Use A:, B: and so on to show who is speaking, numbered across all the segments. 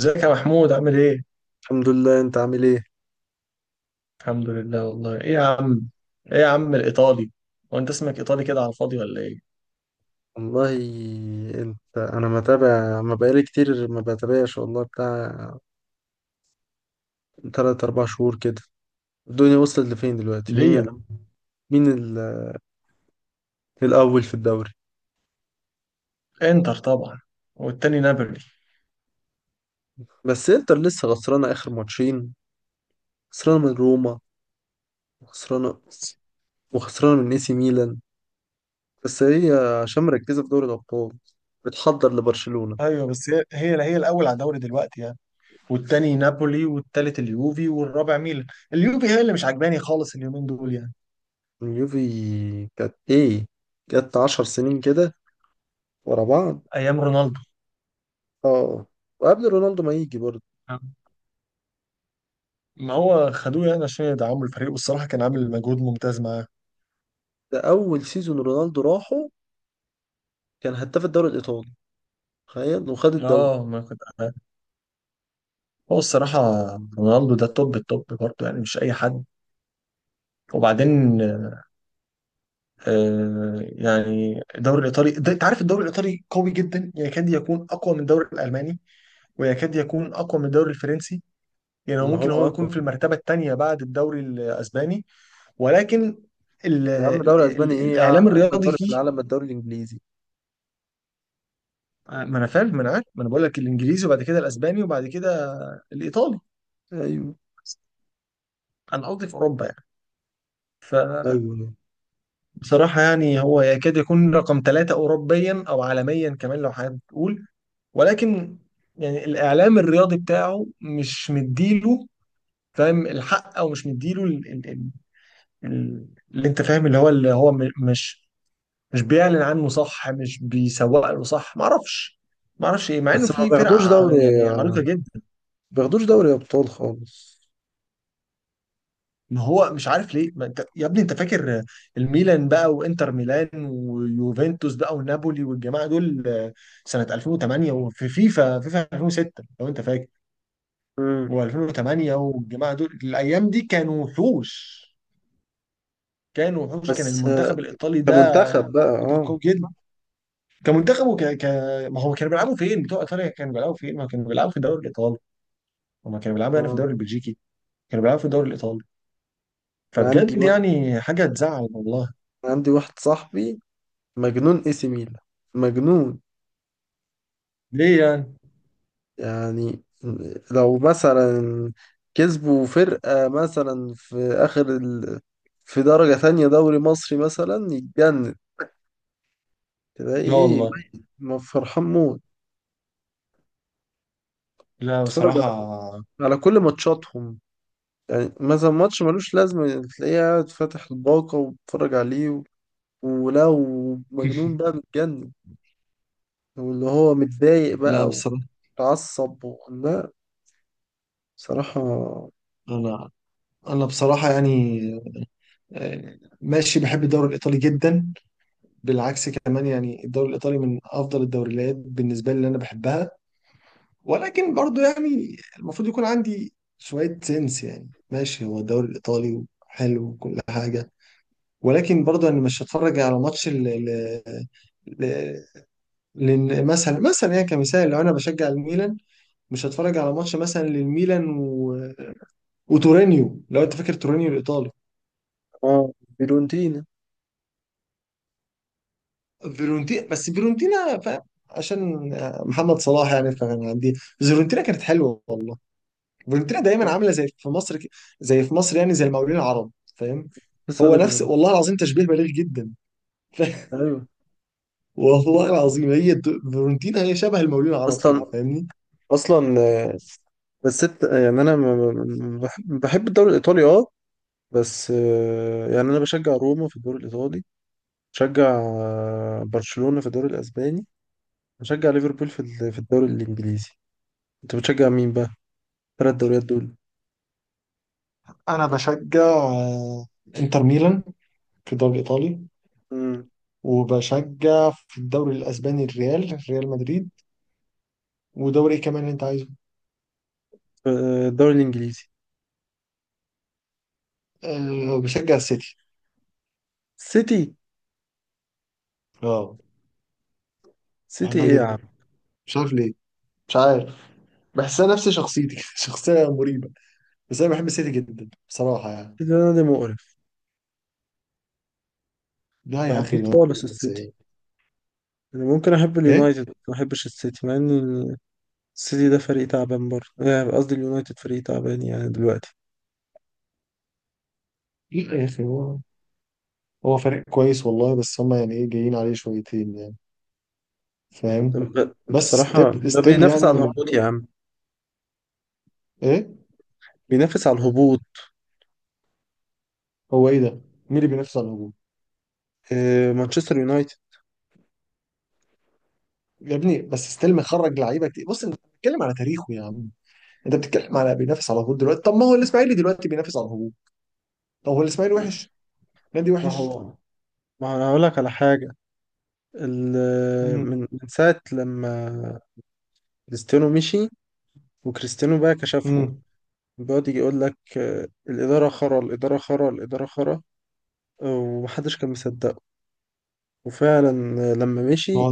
A: ازيك يا محمود، عامل ايه؟
B: الحمد لله. انت عامل ايه؟
A: الحمد لله والله. ايه يا عم؟ ايه يا عم الايطالي؟ هو انت اسمك ايطالي كده على الفاضي ولا ايه؟
B: والله. انا متابع، ما بقالي كتير ما بتابعش والله، بتاع 3 4 شهور كده. الدنيا وصلت لفين دلوقتي؟
A: ليه يا عم؟
B: مين الاول في الدوري؟
A: انتر طبعا. والتاني نابولي.
B: بس انتر لسه خسرانه اخر ماتشين، خسرانه من روما، وخسرانه، وخسرانه من اي سي ميلان. بس هي عشان مركزه في دوري الابطال بتحضر لبرشلونه.
A: ايوه، بس هي الاول على الدوري دلوقتي يعني. والتاني نابولي والتالت اليوفي والرابع ميلان. اليوفي هي اللي مش عجباني خالص اليومين دول يعني.
B: اليوفي كانت ايه؟ جت 10 سنين كده ورا بعض.
A: ايام رونالدو.
B: اه. وقبل رونالدو ما يجي برضه.
A: ما هو خدوه يعني عشان يدعموا الفريق، والصراحه كان عامل مجهود ممتاز معاه.
B: ده اول سيزون رونالدو راحه، كان هداف الدوري الايطالي، تخيل وخد الدوري.
A: اه ما كنت. هو الصراحه رونالدو ده توب التوب برضه، يعني مش اي حد. وبعدين يعني الدوري الايطالي ده، انت عارف الدوري الايطالي قوي جدا، يعني يكاد يكون اقوى من الدوري الالماني، ويكاد يكون اقوى من الدوري الفرنسي. يعني
B: طب ما
A: ممكن
B: هو
A: هو يكون
B: اقوى
A: في
B: فعلا.
A: المرتبه الثانيه بعد الدوري الاسباني، ولكن ال
B: يا عم،
A: ال
B: دوري
A: ال
B: اسباني ايه؟
A: الاعلام
B: اجمل
A: الرياضي
B: دوري في
A: فيه.
B: العالم الدوري الانجليزي.
A: ما انا فاهم، ما انا عارف، ما انا بقول لك الانجليزي وبعد كده الاسباني وبعد كده الايطالي.
B: ايوه.
A: انا قصدي في اوروبا يعني، فبصراحه
B: ايوه
A: يعني هو يكاد يكون رقم ثلاثه اوروبيا او عالميا كمان لو حابب تقول. ولكن يعني الاعلام الرياضي بتاعه مش مديله، فاهم، الحق او مش مديله اللي انت فاهم، اللي هو مش بيعلن عنه صح، مش بيسوق له صح، ما اعرفش ايه، مع انه
B: بس ما
A: في فرق
B: بياخدوش دوري،
A: يعني عريقه جدا.
B: ما بياخدوش دوري ابطال خالص.
A: ما هو مش عارف ليه، ما انت يا ابني انت فاكر الميلان بقى وانتر ميلان ويوفنتوس بقى ونابولي والجماعه دول سنه 2008، وفي فيفا 2006 لو انت فاكر،
B: امم.
A: و2008، والجماعه دول الايام دي كانوا وحوش. كانوا وحوش. كان
B: بس
A: المنتخب الايطالي ده
B: كمنتخب بقى،
A: منتخب
B: اه.
A: قوي جدا. كمنتخب ما هو كانوا بيلعبوا فين؟ بتوع ايطاليا كانوا بيلعبوا فين؟ ما كانوا بيلعبوا في الدوري الايطالي، وما كانوا بيلعبوا يعني في
B: اه.
A: الدوري البلجيكي. كانوا بيلعبوا في الدوري الايطالي،
B: انا عندي
A: فبجد
B: واحد
A: يعني حاجه تزعل والله.
B: أنا عندي واحد صاحبي مجنون اي سي ميلان، مجنون.
A: ليه يعني؟
B: يعني لو مثلا كسبوا فرقة مثلا في آخر في درجة تانية دوري مصري مثلا يتجنن، تلاقي
A: لا
B: إيه؟
A: والله.
B: ما فرحان موت.
A: لا
B: بتتفرج
A: بصراحه.
B: على كل ماتشاتهم. يعني مثلا ماتش ملوش لازمة تلاقيه قاعد فاتح الباقة وبتتفرج عليه ولو مجنون بقى متجنن، واللي هو متضايق
A: لا
B: بقى
A: بصراحة.
B: وتعصب لا، بصراحة.
A: أنا أنا بصراحة يعني ماشي، بحب الدوري الإيطالي جدا. بالعكس كمان، يعني الدوري الإيطالي من أفضل الدوريات بالنسبة لي، اللي أنا بحبها. ولكن برضو يعني المفروض يكون عندي شوية سنس. يعني ماشي، هو الدوري الإيطالي حلو وكل حاجة، ولكن برضو أنا مش هتفرج على ماتش ل- لان مثلا يعني كمثال، لو انا بشجع الميلان، مش هتفرج على ماتش مثلا للميلان وتورينيو، لو انت فاكر تورينيو الايطالي.
B: اه. فيورنتينا.
A: فيرونتينا، بس فيرونتينا، فاهم، عشان محمد صلاح يعني، فكان عندي فيرونتينا كانت حلوه والله. فالورنتينا دايما عامله زي في مصر، زي في مصر، يعني زي المقاولين العرب، فاهم.
B: لسه
A: هو
B: أقول لك
A: نفس،
B: أنا-
A: والله العظيم تشبيه بليغ جدا.
B: أيوه.
A: والله العظيم، فيورنتينا هي شبه المقاولين العرب كده،
B: أصلا
A: فاهمني.
B: اصلا آه، بس يعني انا بحب الدوري الايطالي، اه. بس يعني انا بشجع روما في الدوري الايطالي. بشجع برشلونة في الدوري الاسباني. بشجع ليفربول في الدوري الانجليزي. انت بتشجع مين بقى، الثلاث دوريات دول؟
A: انا بشجع انتر ميلان في الدوري الايطالي.
B: امم.
A: وبشجع في الدوري الاسباني ريال مدريد. ودوري ايه كمان اللي انت عايزه؟
B: الدوري الانجليزي.
A: أه، بشجع السيتي.
B: سيتي.
A: اه،
B: سيتي
A: بحبها
B: ايه يا عم؟
A: جدا. مش عارف ليه. مش عارف. بحسها نفس شخصيتي شخصيه مريبه. بس انا بحب السيتي جدا بصراحه يعني.
B: سيتي ده نادي مقرف،
A: لا
B: ما
A: يا اخي
B: بحبوش
A: ده.
B: خالص السيتي.
A: زي-
B: انا ممكن احب
A: ايه.
B: اليونايتد ما احبش السيتي، مع ان السيتي ده فريق تعبان برضه، قصدي اليونايتد فريق تعبان يعني دلوقتي.
A: لا يا اخي، هو فريق كويس والله. بس هم يعني ايه، جايين عليه شويتين يعني، فاهم. بس
B: بصراحة
A: ستيب
B: ده
A: ستيل
B: بينافس على
A: يعني.
B: الهبوط يا عم.
A: ايه.
B: بينافس على الهبوط.
A: هو ايه ده؟ مين اللي بينافس على الهجوم؟
B: مانشستر يونايتد.
A: يا ابني بس ستيل مخرج لعيبه كتير. بص، انت بتتكلم على تاريخه يا عم. انت بتتكلم على بينافس على الهجوم دلوقتي. طب ما هو الاسماعيلي دلوقتي بينافس على الهجوم. طب هو الاسماعيلي وحش؟ نادي
B: ما
A: وحش؟
B: هو ما هو انا هقول لك على حاجة. من
A: امم
B: من ساعة لما كريستيانو مشي، وكريستيانو بقى كشفهم.
A: امم
B: بيقعد يجي يقول لك الإدارة خرا، الإدارة خرا، الإدارة خرا. ومحدش كان مصدقه. وفعلا لما مشي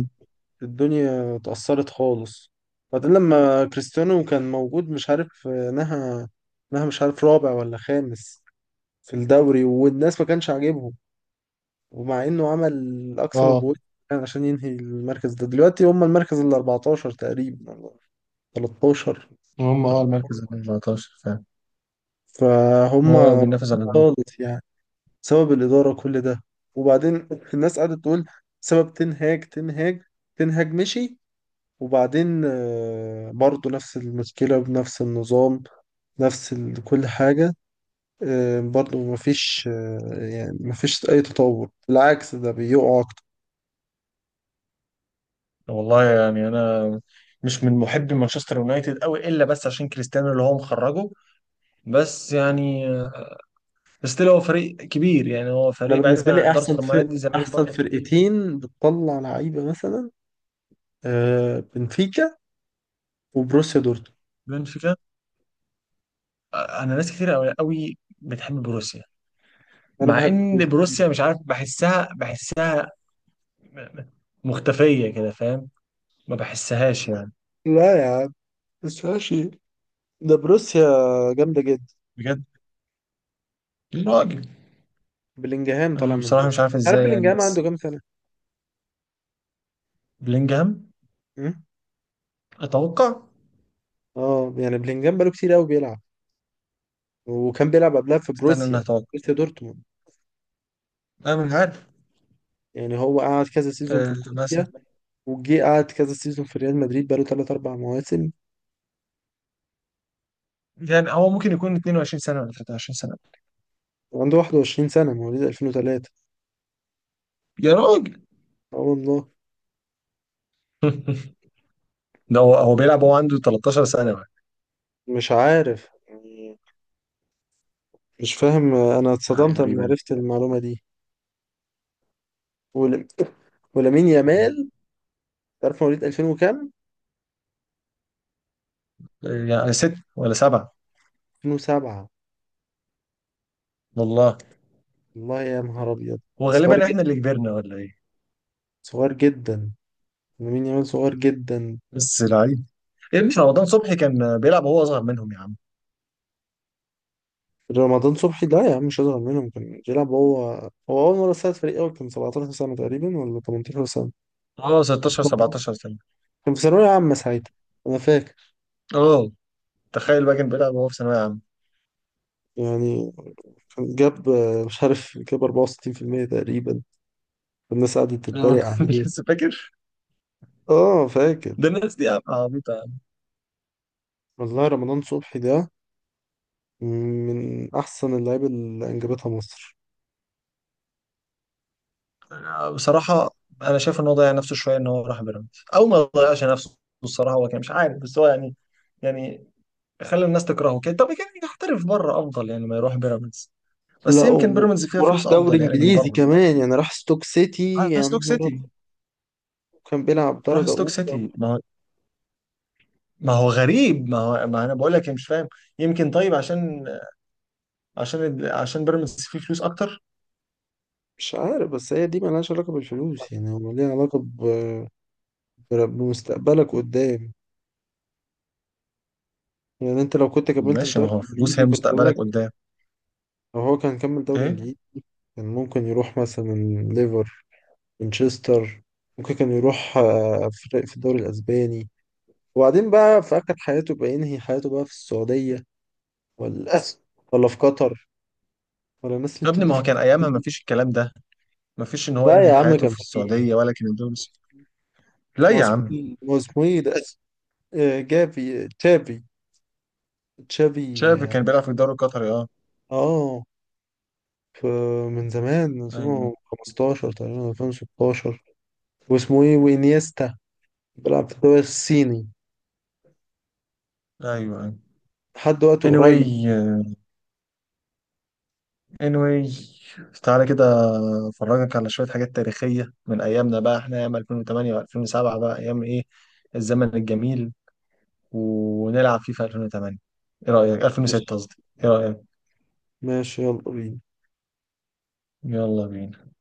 B: الدنيا اتأثرت خالص. بعدين لما كريستيانو كان موجود مش عارف نهى مش عارف رابع ولا خامس في الدوري، والناس ما كانش عاجبهم. ومع انه عمل اقصى ما
A: اه
B: بوسع عشان ينهي المركز ده، دلوقتي هم المركز ال 14 تقريبا ولا 13.
A: هم اه المركز ال 14، فاهم.
B: فهم
A: هو بينافس على الهجوم.
B: خالص يعني. سبب الإدارة كل ده. وبعدين الناس قاعدة تقول سبب تنهاج مشي. وبعدين برضه نفس المشكلة بنفس النظام، نفس كل حاجة. برضه مفيش. يعني مفيش أي تطور، بالعكس ده بيقعوا.
A: والله يعني انا مش من محبي مانشستر يونايتد قوي، الا بس عشان كريستيانو اللي هو مخرجه. بس يعني ستيل هو فريق كبير، يعني هو
B: انا
A: فريق بعيد
B: بالنسبه
A: عن
B: لي
A: ادارته. طب ما نادي الزمالك
B: احسن
A: برضه فريق كبير.
B: فرقتين بتطلع لعيبه مثلا بنفيكا وبروسيا دورتموند.
A: بنفيكا. انا ناس كتير قوي قوي بتحب بروسيا.
B: انا
A: مع
B: بحب
A: ان
B: بروسيا
A: بروسيا
B: جدا.
A: مش عارف، بحسها مختفيه كده، فاهم؟ ما بحسهاش يعني.
B: لا يا عم، بس ماشي، ده بروسيا جامده جدا.
A: بجد. راجل.
B: بلينجهام طالع
A: أنا
B: من
A: بصراحه مش
B: بروسيا،
A: عارف
B: عارف
A: ازاي يعني،
B: بلينجهام عنده
A: بس
B: كام سنه؟
A: بلينجهام.
B: م?
A: اتوقع.
B: اه. يعني بلينجهام بقاله كتير قوي بيلعب، وكان بيلعب قبلها في
A: استنى، انا
B: بروسيا،
A: اتوقع.
B: بروسيا دورتموند.
A: انا مش عارف.
B: يعني هو قعد كذا سيزون
A: أه
B: في
A: مثلا.
B: بروسيا، وجي قعد كذا سيزون في ريال مدريد، بقاله 3 4 مواسم.
A: يعني هو ممكن يكون 22 سنة ولا 23 سنة.
B: وعنده 21 سنه، مواليد 2003.
A: يا راجل.
B: اه والله.
A: ده هو بيلعب وهو عنده 13 سنة بقى.
B: مش عارف يعني، مش فاهم، انا
A: ده حاجة
B: اتصدمت لما
A: غريبة.
B: عرفت المعلومه دي. ول- ولامين
A: يعني
B: يامال، عارف مواليد 2000 وكام؟
A: يعني ست ولا سبعة.
B: 2007.
A: والله.
B: والله يا نهار ابيض.
A: هو
B: صغير
A: غالبا احنا اللي
B: جدا،
A: كبرنا ولا ايه؟
B: صغير جدا، لامين يامال صغير جدا.
A: بس لعيب. يا ابني رمضان صبحي كان بيلعب وهو اصغر منهم يا عم.
B: رمضان صبحي لا يا عم مش اصغر منهم، كان بيلعب هو. هو اول مره ساعد فريق اول كان 17 سنه تقريبا ولا 18 سنه.
A: اه، 16 17 سنة.
B: كان في ثانويه عامه ساعتها، انا فاكر.
A: اه تخيل بقى، كان بيلعب وهو في ثانوية عامة.
B: يعني كان جاب مش عارف، جاب 64% تقريبا، الناس قعدت
A: اه.
B: تتريق عليه.
A: لسه فاكر.
B: اه فاكر.
A: ده الناس دي عبيطة يا عم.
B: والله رمضان صبحي ده من احسن اللعيبه اللي انجبتها مصر.
A: أنا بصراحة انا شايف ان هو ضيع نفسه شوية، ان هو راح بيراميدز. او ما ضيعش نفسه، الصراحة هو كان مش عارف، بس هو يعني خلى الناس تكرهه كده. طب كان يحترف بره افضل، يعني ما يروح بيراميدز. بس
B: لا
A: يمكن بيراميدز فيها
B: وراح
A: فلوس
B: دوري
A: افضل يعني من
B: انجليزي
A: بره.
B: كمان، يعني راح ستوك سيتي.
A: راح
B: يا
A: ستوك
B: نهار
A: سيتي.
B: أبيض، كان بيلعب
A: راح
B: درجه
A: ستوك
B: اولى.
A: سيتي، ما هو. ما هو غريب، ما هو، ما انا بقول لك، يعني مش فاهم. يمكن طيب، عشان بيراميدز فيه فلوس اكتر.
B: مش عارف، بس هي دي ملهاش علاقه بالفلوس، يعني هو ليها علاقه بمستقبلك قدام. يعني انت لو كنت كملت في
A: ماشي،
B: دوري
A: ما هو فلوس هي
B: انجليزي كنت
A: مستقبلك
B: زمانك،
A: قدام.
B: لو هو كان كمل دوري
A: ايه.
B: انجليزي كان ممكن يروح مثلا ليفر، مانشستر، ممكن كان يروح فرق في الدوري الاسباني، وبعدين بقى في آخر حياته بقى ينهي حياته بقى في السعودية، ولا ولا في قطر، ولا الناس اللي
A: يا ابني
B: بتدي
A: ما هو كان
B: فلوس.
A: ايامها ما فيش الكلام ده. ما فيش ان هو
B: لا
A: ينهي
B: يا عم
A: حياته
B: كان
A: في
B: في.
A: السعوديه، ولا كان لا
B: ما هو
A: يا
B: اسمه
A: عم.
B: إيه؟ ما هو اسمه ايه ده؟ جافي، تشافي. تشافي
A: شايف
B: اه.
A: كان بيلعب في الدوري القطري، اه.
B: آه، ف- من زمان، من
A: ايوه،
B: 2015 تقريبا، 2016. واسمه ايه، وانيستا، بيلعب في الدوري الصيني
A: ايوه، ايوه.
B: لحد وقت
A: Anyway.
B: قريب.
A: Anyway. تعالى كده افرجك على شوية حاجات تاريخية من أيامنا بقى، احنا أيام 2008 و2007 بقى، أيام إيه، الزمن الجميل. ونلعب فيه في 2008. إيه رأيك؟ 2006
B: ماشي.
A: قصدي. إيه رأيك؟
B: ماشي يلا بينا.
A: يلا بينا.